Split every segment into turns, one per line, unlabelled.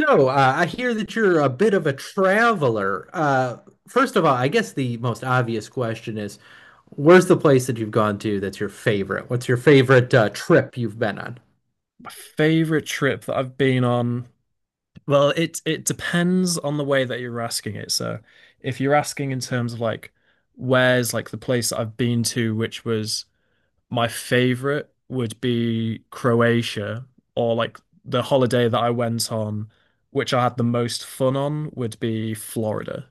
So I hear that you're a bit of a traveler. First of all, I guess the most obvious question is, where's the place that you've gone to that's your favorite? What's your favorite trip you've been on?
My favorite trip that I've been on, well, it depends on the way that you're asking it. So, if you're asking in terms of like where's like the place that I've been to, which was my favorite, would be Croatia, or like the holiday that I went on, which I had the most fun on, would be Florida.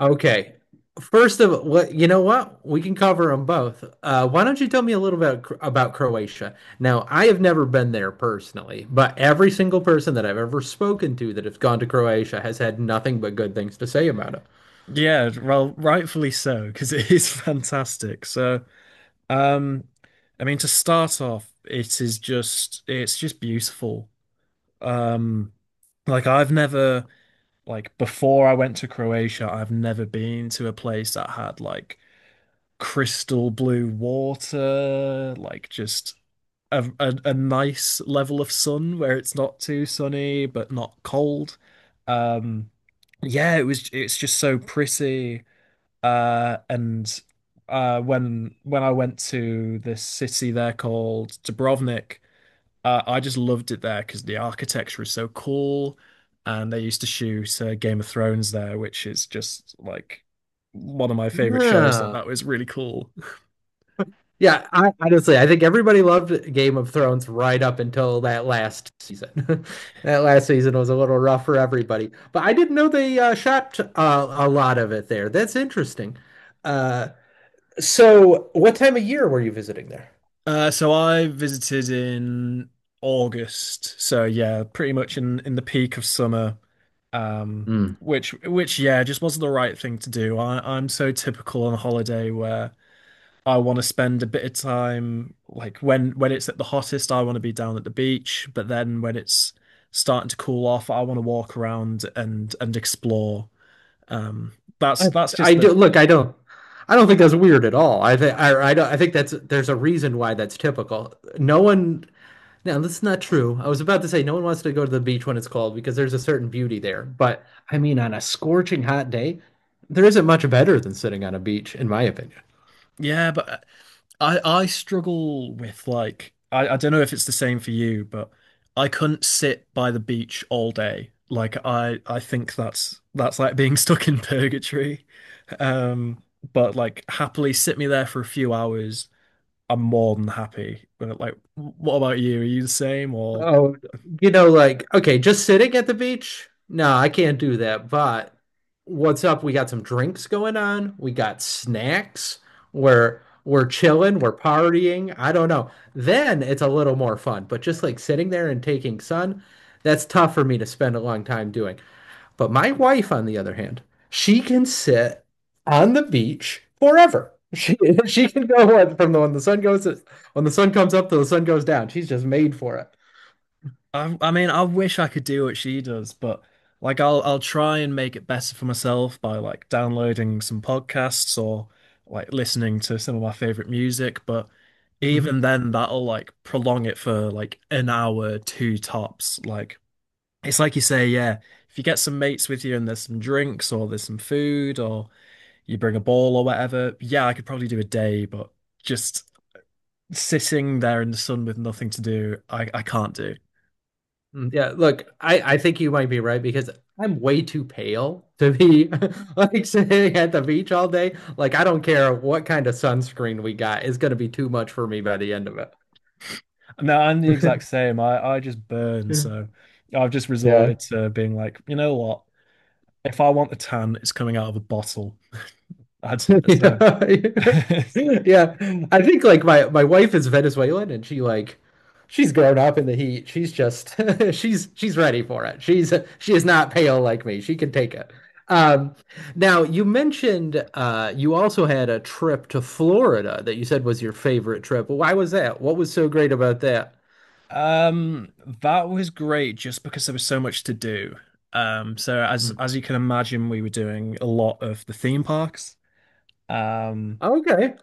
Okay. First of all, you know what? We can cover them both. Why don't you tell me a little bit about Croatia? Now, I have never been there personally, but every single person that I've ever spoken to that has gone to Croatia has had nothing but good things to say about it.
Yeah, well, rightfully so, because it is fantastic. So, um, I mean, to start off, it is just beautiful. Um, like I've never like before I went to Croatia, I've never been to a place that had like crystal blue water, like just a nice level of sun where it's not too sunny but not cold. Um, yeah, it's just so pretty. And when I went to this city there called Dubrovnik. I just loved it there because the architecture is so cool, and they used to shoot Game of Thrones there, which is just like one of my favorite shows. So
Yeah.
that was really cool.
Yeah, I honestly I think everybody loved Game of Thrones right up until that last season. That last season was a little rough for everybody, but I didn't know they shot a lot of it there. That's interesting. Uh, so, what time of year were you visiting there?
So I visited in August. So yeah, pretty much in the peak of summer. Um,
Mm.
which yeah, just wasn't the right thing to do. I'm so typical on a holiday where I want to spend a bit of time, like when it's at the hottest, I want to be down at the beach, but then when it's starting to cool off, I want to walk around and explore. Um
I,
that's
I
just the
do look. I don't think that's weird at all. I think I don't. I think that's there's a reason why that's typical. No one Now, that's not true. I was about to say no one wants to go to the beach when it's cold because there's a certain beauty there. But I mean, on a scorching hot day, there isn't much better than sitting on a beach, in my opinion.
Yeah, but I struggle with, like, I don't know if it's the same for you, but I couldn't sit by the beach all day. Like I think that's like being stuck in purgatory. Um but like happily sit me there for a few hours, I'm more than happy. But, like, what about you? Are you the same or
Oh, you know, like, okay, just sitting at the beach? No, I can't do that. But what's up? We got some drinks going on. We got snacks. We're chilling, we're partying. I don't know. Then it's a little more fun. But just like sitting there and taking sun, that's tough for me to spend a long time doing. But my wife, on the other hand, she can sit on the beach forever. She she can go on from the when the sun goes when the sun comes up to the sun goes down. She's just made for it.
I mean, I wish I could do what she does, but like I'll try and make it better for myself by like downloading some podcasts or like listening to some of my favorite music, but even then that'll like prolong it for like an hour, two tops. Like it's like you say, yeah, if you get some mates with you and there's some drinks or there's some food or you bring a ball or whatever, yeah, I could probably do a day, but just sitting there in the sun with nothing to do, I can't do.
Yeah, look, I think you might be right because I'm way too pale to be like sitting at the beach all day. Like, I don't care what kind of sunscreen we got, it's gonna be too much for me by the end of it.
No, I'm the exact same. I just burn, so I've just
Yeah.
resorted to being like, you know what? If I want a tan, it's coming out of a bottle. I'd, so
Yeah. Yeah. I think like my wife is Venezuelan, and she like she's grown up in the heat. She's just she's ready for it. She is not pale like me. She can take it. Um, now you mentioned you also had a trip to Florida that you said was your favorite trip. Well, why was that? What was so great about that?
Um, that was great just because there was so much to do. So as
Hmm.
as you can imagine, we were doing a lot of the theme parks. Um,
Okay.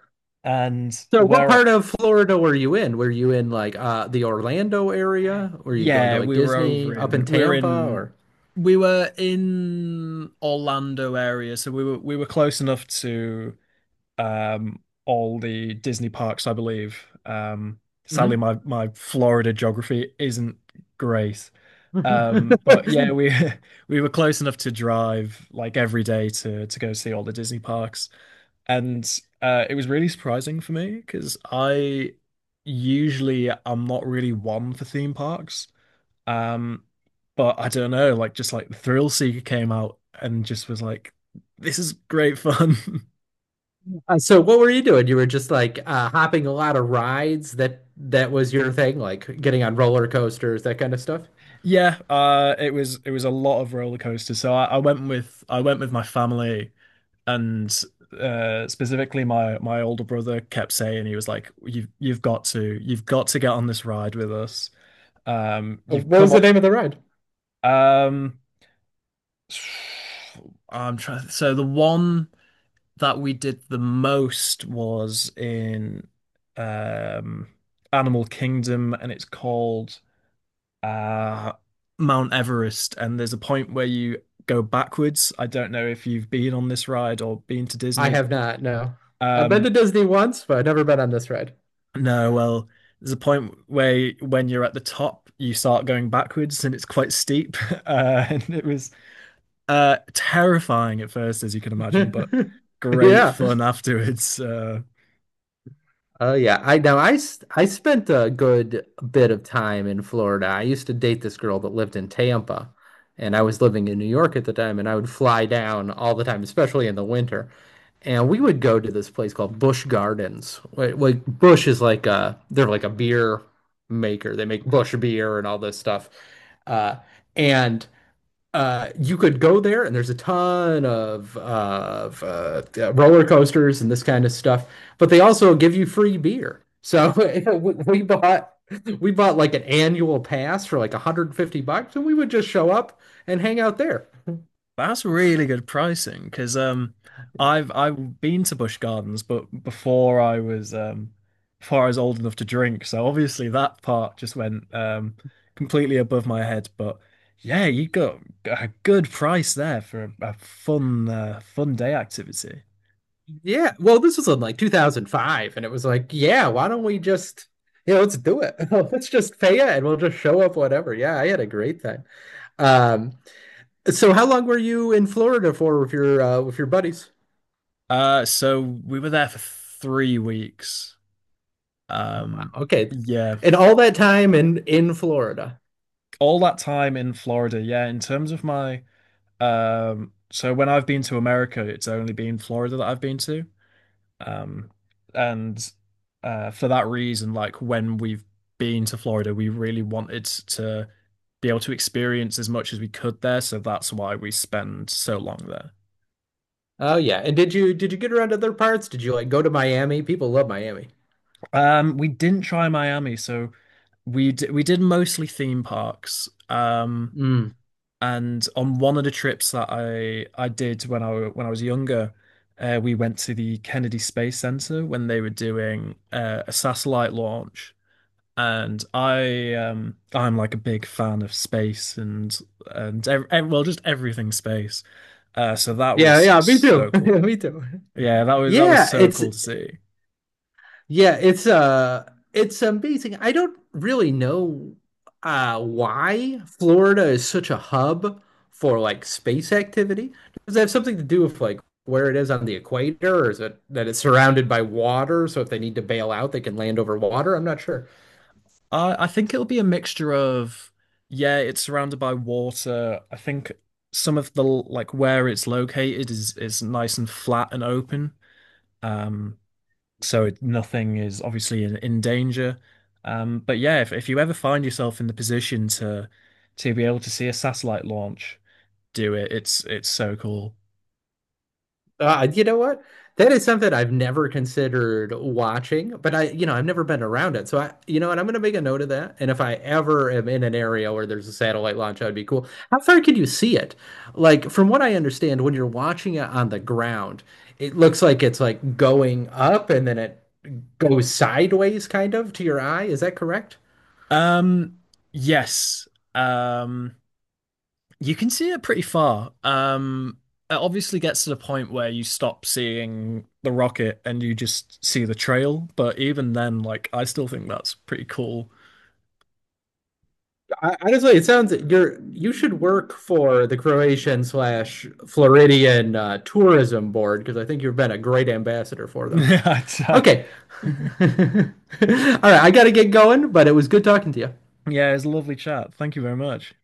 and
So what
where
part of Florida were you in? Were you in like the Orlando area? Were you going to
Yeah,
like
we were
Disney
over
up
in
in
we were
Tampa
in
or?
we were in Orlando area, so we were close enough to um all the Disney parks, I believe. Sadly
Mm-hmm.
my Florida geography isn't great. But yeah, we we were close enough to drive like every day to go see all the Disney parks, and it was really surprising for me because I usually I'm not really one for theme parks. Um, but I don't know, like just like the Thrill Seeker came out and just was like, this is great fun.
So what were you doing? You were just like hopping a lot of rides. That was your thing, like getting on roller coasters, that kind of stuff.
Yeah, it was a lot of roller coasters. So I went with my family, and specifically my older brother kept saying, he was like, you've got to get on this ride with us, you've
What was
come on.
the name of the ride?
Um I'm trying so The one that we did the most was in um Animal Kingdom, and it's called uh Mount Everest, and there's a point where you go backwards. I don't know if you've been on this ride or been to
I
Disney,
have
but
not, no. I've been to
um
Disney once, but I've never been on this ride.
no, well, there's a point where when you're at the top, you start going backwards and it's quite steep. And it was terrifying at first, as you can imagine, but great
Yeah.
fun afterwards.
Oh yeah, I now I s- I spent a good bit of time in Florida. I used to date this girl that lived in Tampa, and I was living in New York at the time, and I would fly down all the time, especially in the winter. And we would go to this place called Busch Gardens. Like Busch is like a beer maker. They make Busch beer and all this stuff. Uh, and you could go there, and there's a ton of roller coasters and this kind of stuff. But they also give you free beer. So we we bought we bought like an annual pass for like 150 bucks, and we would just show up and hang out there.
That's really good pricing because I've been to Busch Gardens, but before I was old enough to drink, so obviously that part just went completely above my head. But yeah, you got a good price there for a fun, fun day activity.
Yeah, well, this was in like 2005, and it was like, yeah, why don't we just you know let's do it? Let's just pay it, and we'll just show up whatever. Yeah, I had a great time. Um, so how long were you in Florida for with your buddies?
So we were there for 3 weeks.
Oh wow.
Um
Okay.
yeah,
And all that time in Florida.
all that time in Florida, yeah. In terms of my Um, so when I've been to America, it's only been Florida that I've been to. Um, and for that reason, like when we've been to Florida, we really wanted to be able to experience as much as we could there. So that's why we spend so long there.
Oh yeah. And did you get around to other parts? Did you like go to Miami? People love Miami.
We didn't try Miami, so we did mostly theme parks.
Mm.
And on one of the trips that I did when I was younger, we went to the Kennedy Space Center when they were doing a satellite launch. And I I'm like a big fan of space and well, just everything space. So that
Yeah,
was
yeah, me too.
so cool.
Me too.
Yeah, that was
Yeah,
so
it's
cool to see.
yeah, it's amazing. I don't really know why Florida is such a hub for like space activity. Does that have something to do with like where it is on the equator, or is it that it's surrounded by water, so if they need to bail out, they can land over water? I'm not sure.
I think it'll be a mixture of, yeah, it's surrounded by water. I think some of the, like, where it's located is nice and flat and open. Um, so it, nothing is obviously in danger. But yeah, if you ever find yourself in the position to be able to see a satellite launch, do it. It's so cool.
You know what? That is something I've never considered watching, but I, you know, I've never been around it. So I, you know, and I'm going to make a note of that. And if I ever am in an area where there's a satellite launch, that'd be cool. How far can you see it? Like, from what I understand, when you're watching it on the ground, it looks like it's like going up and then it goes sideways kind of to your eye. Is that correct?
Um, yes. Um, You can see it pretty far. It obviously gets to the point where you stop seeing the rocket and you just see the trail. But even then, like, I still think that's pretty cool.
I honestly, it sounds you're you should work for the Croatian slash Floridian tourism board because I think you've been a great ambassador for them.
Yeah, it's,
Okay. All right, I gotta get going, but it was good talking to you.
yeah, a lovely chat. Thank you very much.